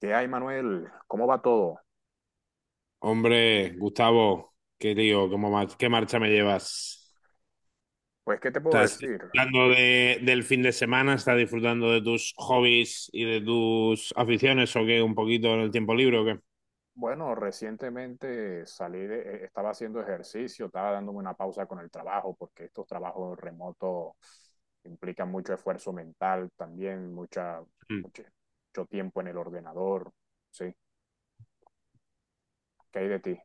¿Qué hay, Manuel? ¿Cómo va todo? Hombre, Gustavo, qué lío, qué marcha me llevas. Pues, ¿qué te puedo ¿Estás decir? disfrutando del fin de semana? ¿Estás disfrutando de tus hobbies y de tus aficiones o qué? ¿Un poquito en el tiempo libre o qué? Bueno, recientemente salí de, estaba haciendo ejercicio, estaba dándome una pausa con el trabajo, porque estos trabajos remotos implican mucho esfuerzo mental también, Mm. mucho, mucho tiempo en el ordenador, ¿sí? ¿Qué hay de ti?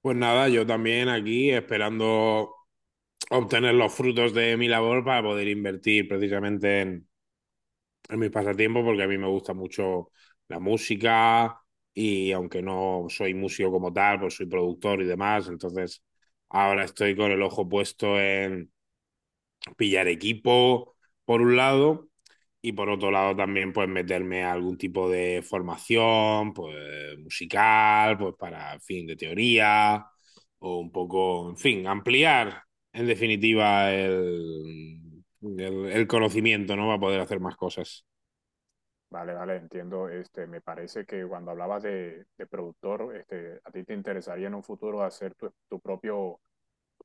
Pues nada, yo también aquí esperando obtener los frutos de mi labor para poder invertir precisamente en mis pasatiempos porque a mí me gusta mucho la música y aunque no soy músico como tal, pues soy productor y demás, entonces ahora estoy con el ojo puesto en pillar equipo por un lado y por otro lado también pues meterme a algún tipo de formación pues musical, pues para en fin de teoría o un poco, en fin, ampliar en definitiva el conocimiento, ¿no? Para poder hacer más cosas. Vale, vale, entiendo. Este, me parece que cuando hablabas de productor, este, a ti te interesaría en un futuro hacer tu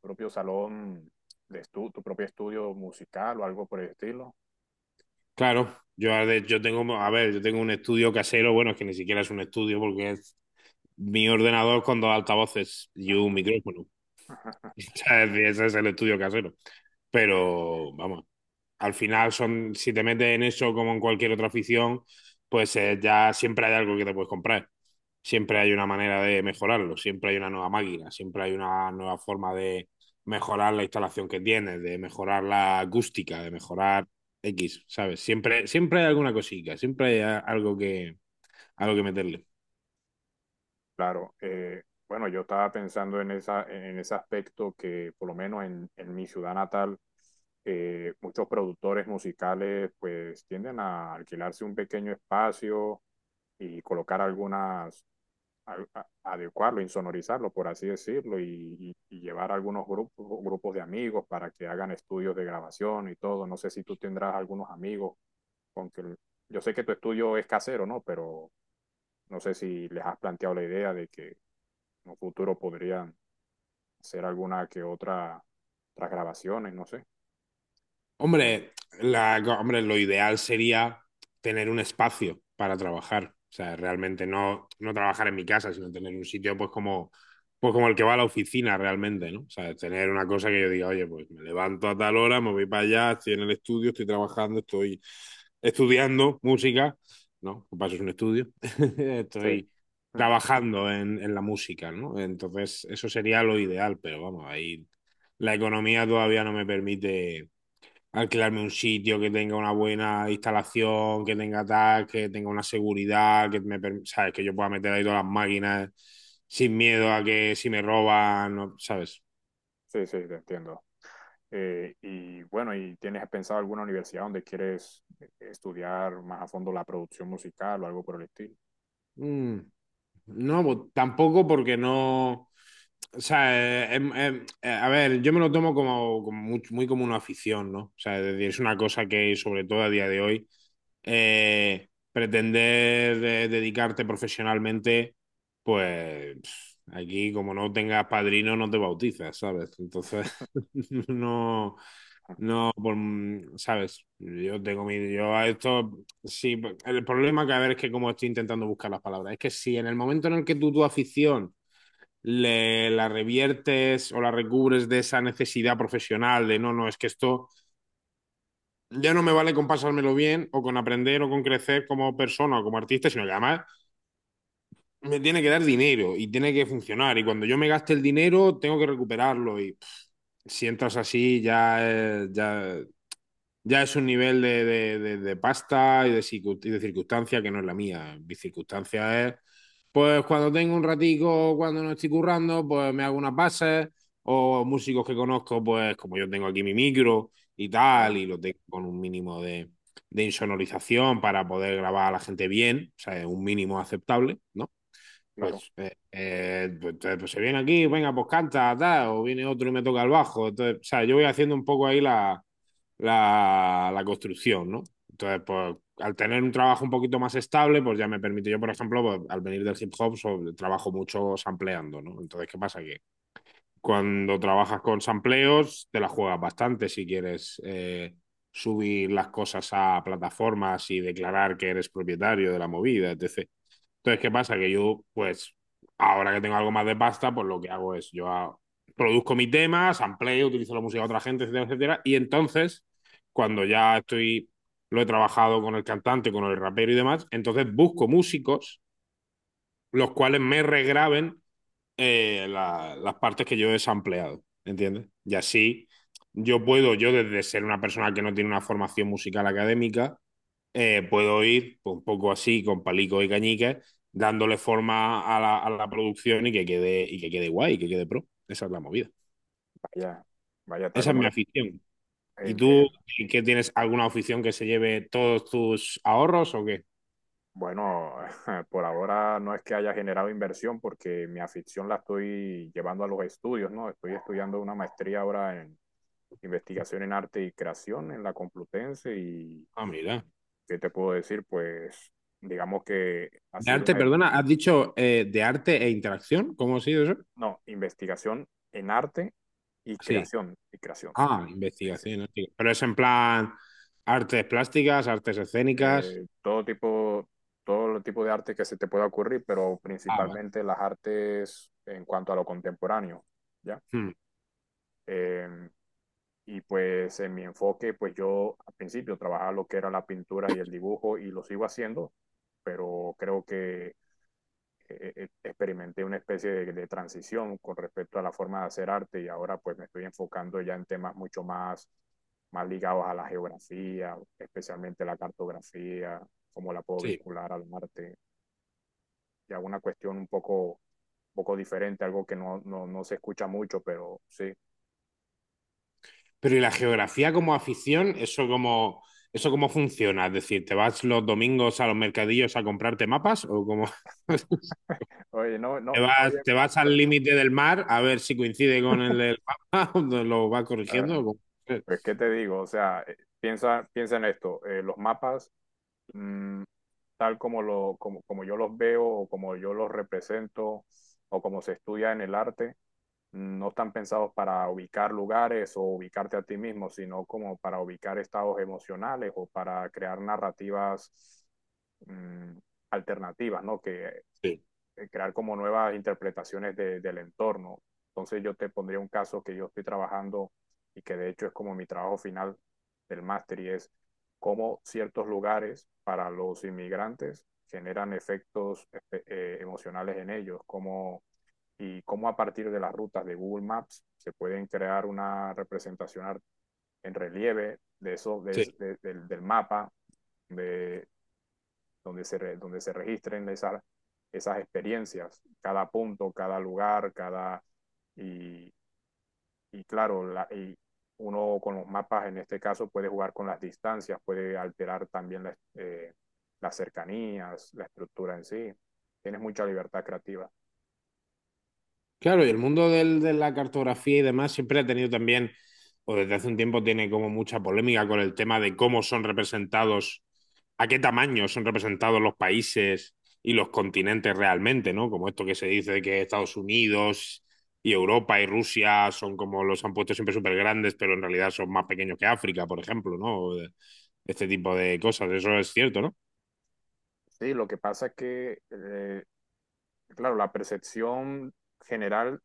propio salón de estu tu propio estudio musical o algo por el estilo. Claro, yo, yo tengo, a ver, yo tengo un estudio casero, bueno, es que ni siquiera es un estudio porque es mi ordenador con dos altavoces y un micrófono. Ese es el estudio casero. Pero vamos, al final son, si te metes en eso como en cualquier otra afición, pues ya siempre hay algo que te puedes comprar. Siempre hay una manera de mejorarlo, siempre hay una nueva máquina, siempre hay una nueva forma de mejorar la instalación que tienes, de mejorar la acústica, de mejorar X, ¿sabes? Siempre, siempre hay alguna cosica, algo que meterle. Claro, bueno, yo estaba pensando en esa, en ese aspecto que por lo menos en mi ciudad natal, muchos productores musicales pues tienden a alquilarse un pequeño espacio y colocar algunas, adecuarlo, insonorizarlo, por así decirlo, y llevar algunos grupos de amigos para que hagan estudios de grabación y todo. No sé si tú tendrás algunos amigos con que yo sé que tu estudio es casero, ¿no? Pero no sé si les has planteado la idea de que en un futuro podrían hacer alguna que otra tras grabaciones, no sé. Hombre, la, hombre, lo ideal sería tener un espacio para trabajar. O sea, realmente no, no trabajar en mi casa, sino tener un sitio pues como el que va a la oficina realmente, ¿no? O sea, tener una cosa que yo diga, oye, pues me levanto a tal hora, me voy para allá, estoy en el estudio, estoy trabajando, estoy estudiando música, ¿no? Por Paso es un estudio, Sí, estoy mm, trabajando en la música, ¿no? Entonces, eso sería lo ideal, pero vamos, ahí la economía todavía no me permite alquilarme un sitio que tenga una buena instalación, que tenga tal, que tenga una seguridad, sabes, que yo pueda meter ahí todas las máquinas sin miedo a que si me roban, ¿sabes? sí, sí, te entiendo. Y bueno, ¿y tienes pensado alguna universidad donde quieres estudiar más a fondo la producción musical o algo por el estilo? Mm. No, pues, tampoco porque no. O sea, a ver, yo me lo tomo como, como muy, muy como una afición, ¿no? O sea, es decir, es una cosa que, sobre todo a día de hoy, pretender dedicarte profesionalmente, pues pf, aquí como no tengas padrino no te bautizas, ¿sabes? Entonces, no por, mm, ¿sabes? Yo tengo mi... Yo a esto... Sí, el problema que a ver es que como estoy intentando buscar las palabras, es que si en el momento en el que tú tu afición le, la reviertes o la recubres de esa necesidad profesional de no, no, es que esto ya no me vale con pasármelo bien o con aprender o con crecer como persona o como artista, sino que además me tiene que dar dinero y tiene que funcionar y cuando yo me gaste el dinero tengo que recuperarlo y si entras así ya, ya es un nivel de, de pasta y de, y de circunstancia que no es la mía. Mi circunstancia es, pues cuando tengo un ratico, cuando no estoy currando, pues me hago unas bases o músicos que conozco, pues como yo tengo aquí mi micro y tal, Claro, y lo tengo con un mínimo de insonorización para poder grabar a la gente bien, o sea, un mínimo aceptable, ¿no? claro. Pues, pues se viene aquí, venga, pues canta, tal, o viene otro y me toca el bajo. Entonces, o sea, yo voy haciendo un poco ahí la, la, la construcción, ¿no? Entonces, pues al tener un trabajo un poquito más estable, pues ya me permite, yo por ejemplo, pues, al venir del hip hop, trabajo mucho sampleando, ¿no? Entonces, ¿qué pasa? Que cuando trabajas con sampleos, te la juegas bastante si quieres subir las cosas a plataformas y declarar que eres propietario de la movida, etc. Entonces, ¿qué pasa? Que yo, pues, ahora que tengo algo más de pasta, pues lo que hago es, produzco mis temas, amplio, utilizo la música de otra gente, etcétera, etcétera. Y entonces, cuando ya estoy, lo he trabajado con el cantante, con el rapero y demás, entonces busco músicos los cuales me regraben las partes que yo he sampleado, ¿entiendes? Y así yo puedo, yo desde ser una persona que no tiene una formación musical académica, puedo ir un poco así con palicos y cañicas dándole forma a la producción y que quede guay, que quede pro. Esa es la movida. Vaya, vaya, tal Esa es como mi lo afición. ¿Y tú entiendo. qué tienes alguna afición que se lleve todos tus ahorros o qué? Bueno, por ahora no es que haya generado inversión porque mi afición la estoy llevando a los estudios, ¿no? Estoy estudiando una maestría ahora en investigación en arte y creación en la Complutense y Ah, mira. ¿qué te puedo decir? Pues digamos que ha De sido arte, una, perdona, has dicho de arte e interacción, ¿cómo ha sido eso? no, investigación en arte y Sí. creación, y creación. Ah, Sí, sí. investigación. Hostia. Pero es en plan artes plásticas, artes escénicas. Todo tipo, todo el tipo de arte que se te pueda ocurrir, pero Ah, vale. principalmente las artes en cuanto a lo contemporáneo, ¿ya? Hmm, Em, y pues en mi enfoque, pues yo al principio trabajaba lo que era la pintura y el dibujo y lo sigo haciendo, pero creo que experimenté una especie de transición con respecto a la forma de hacer arte y ahora pues me estoy enfocando ya en temas mucho más, más ligados a la geografía, especialmente la cartografía, cómo la puedo sí. vincular al arte, ya una cuestión un poco diferente, algo que no se escucha mucho, pero sí. Pero ¿y la geografía como afición? Eso cómo funciona? Es decir, ¿te vas los domingos a los mercadillos a comprarte mapas o cómo? Oye, no, no, oye, te vas al no, límite del mar a ver si coincide con el del mapa? ¿Lo vas corrigiendo? ¿O eh, cómo? pues, ¿qué te digo? O sea, piensa en esto. Los mapas, mm, tal como lo, como yo los veo o como yo los represento o como se estudia en el arte, mm, no están pensados para ubicar lugares o ubicarte a ti mismo, sino como para ubicar estados emocionales o para crear narrativas, mm, alternativas, ¿no? Que Sí, crear como nuevas interpretaciones de, del entorno. Entonces yo te pondría un caso que yo estoy trabajando y que de hecho es como mi trabajo final del máster y es cómo ciertos lugares para los inmigrantes generan efectos emocionales en ellos, como y cómo a partir de las rutas de Google Maps se pueden crear una representación en relieve de eso, de, sí. Del mapa, de donde se, re, donde se registren esas, esas experiencias, cada punto, cada lugar, cada... Y, y claro, la, y uno con los mapas en este caso puede jugar con las distancias, puede alterar también la, las cercanías, la estructura en sí. Tienes mucha libertad creativa. Claro, y el mundo de la cartografía y demás siempre ha tenido también, o desde hace un tiempo tiene como mucha polémica con el tema de cómo son representados, a qué tamaño son representados los países y los continentes realmente, ¿no? Como esto que se dice de que Estados Unidos y Europa y Rusia son como los han puesto siempre súper grandes, pero en realidad son más pequeños que África, por ejemplo, ¿no? Este tipo de cosas, eso es cierto, ¿no? Sí, lo que pasa es que, claro, la percepción general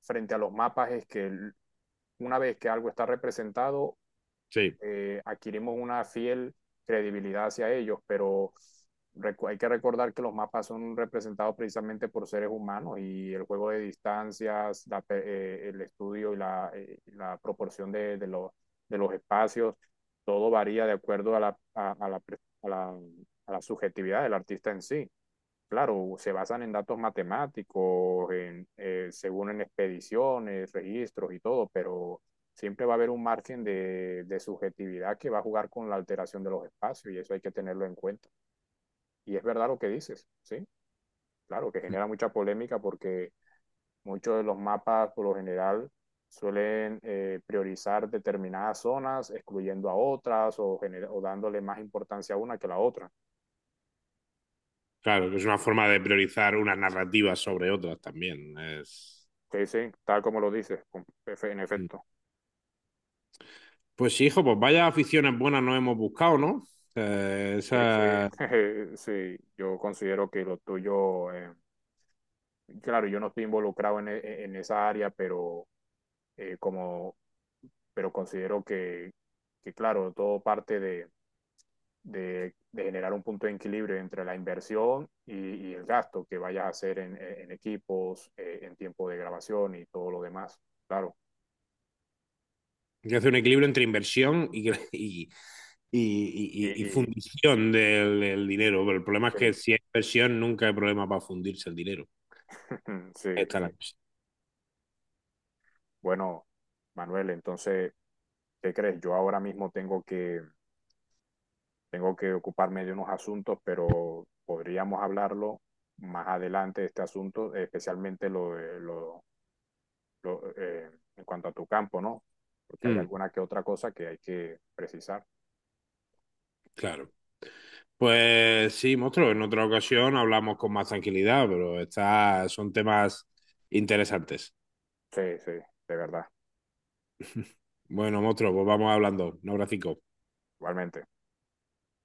frente a los mapas es que una vez que algo está representado, Sí, adquirimos una fiel credibilidad hacia ellos, pero hay que recordar que los mapas son representados precisamente por seres humanos y el juego de distancias, la, el estudio y la, la proporción los espacios, todo varía de acuerdo a, la, a la a la subjetividad del artista en sí. Claro, se basan en datos matemáticos, en, según en expediciones, registros y todo, pero siempre va a haber un margen de subjetividad que va a jugar con la alteración de los espacios y eso hay que tenerlo en cuenta. Y es verdad lo que dices, ¿sí? Claro, que genera mucha polémica porque muchos de los mapas por lo general suelen priorizar determinadas zonas, excluyendo a otras o, gener- o dándole más importancia a una que a la otra. claro, que es una forma de priorizar unas narrativas sobre otras también. Es... Que sí, tal como lo dices, con- en Hmm. efecto. Pues sí, hijo, pues vaya aficiones buenas nos hemos buscado, ¿no? Sí, sí, Esa, sí, yo considero que lo tuyo, claro, yo no estoy involucrado en, e- en esa área, pero eh, como, pero considero que, claro, todo parte de generar un punto de equilibrio entre la inversión y el gasto que vayas a hacer en, e, en equipos, en tiempo de grabación y todo lo demás, claro. que hace un equilibrio entre inversión y, Y, y y fundición del, del dinero. Pero el problema es que sí, si hay inversión, nunca hay problema para fundirse el dinero. Ahí sí, está la sí. cosa. Bueno, Manuel, entonces, ¿qué crees? Yo ahora mismo tengo que tengo que ocuparme de unos asuntos, pero podríamos hablarlo más adelante, de este asunto, especialmente lo, de- lo en cuanto a tu campo, ¿no? Porque hay Mm, alguna que otra cosa que hay que precisar. claro. Pues sí, monstruo, en otra ocasión hablamos con más tranquilidad, pero está, son temas interesantes. Sí, sí, de verdad, Bueno, monstruo, pues vamos hablando. Un abracico. igualmente.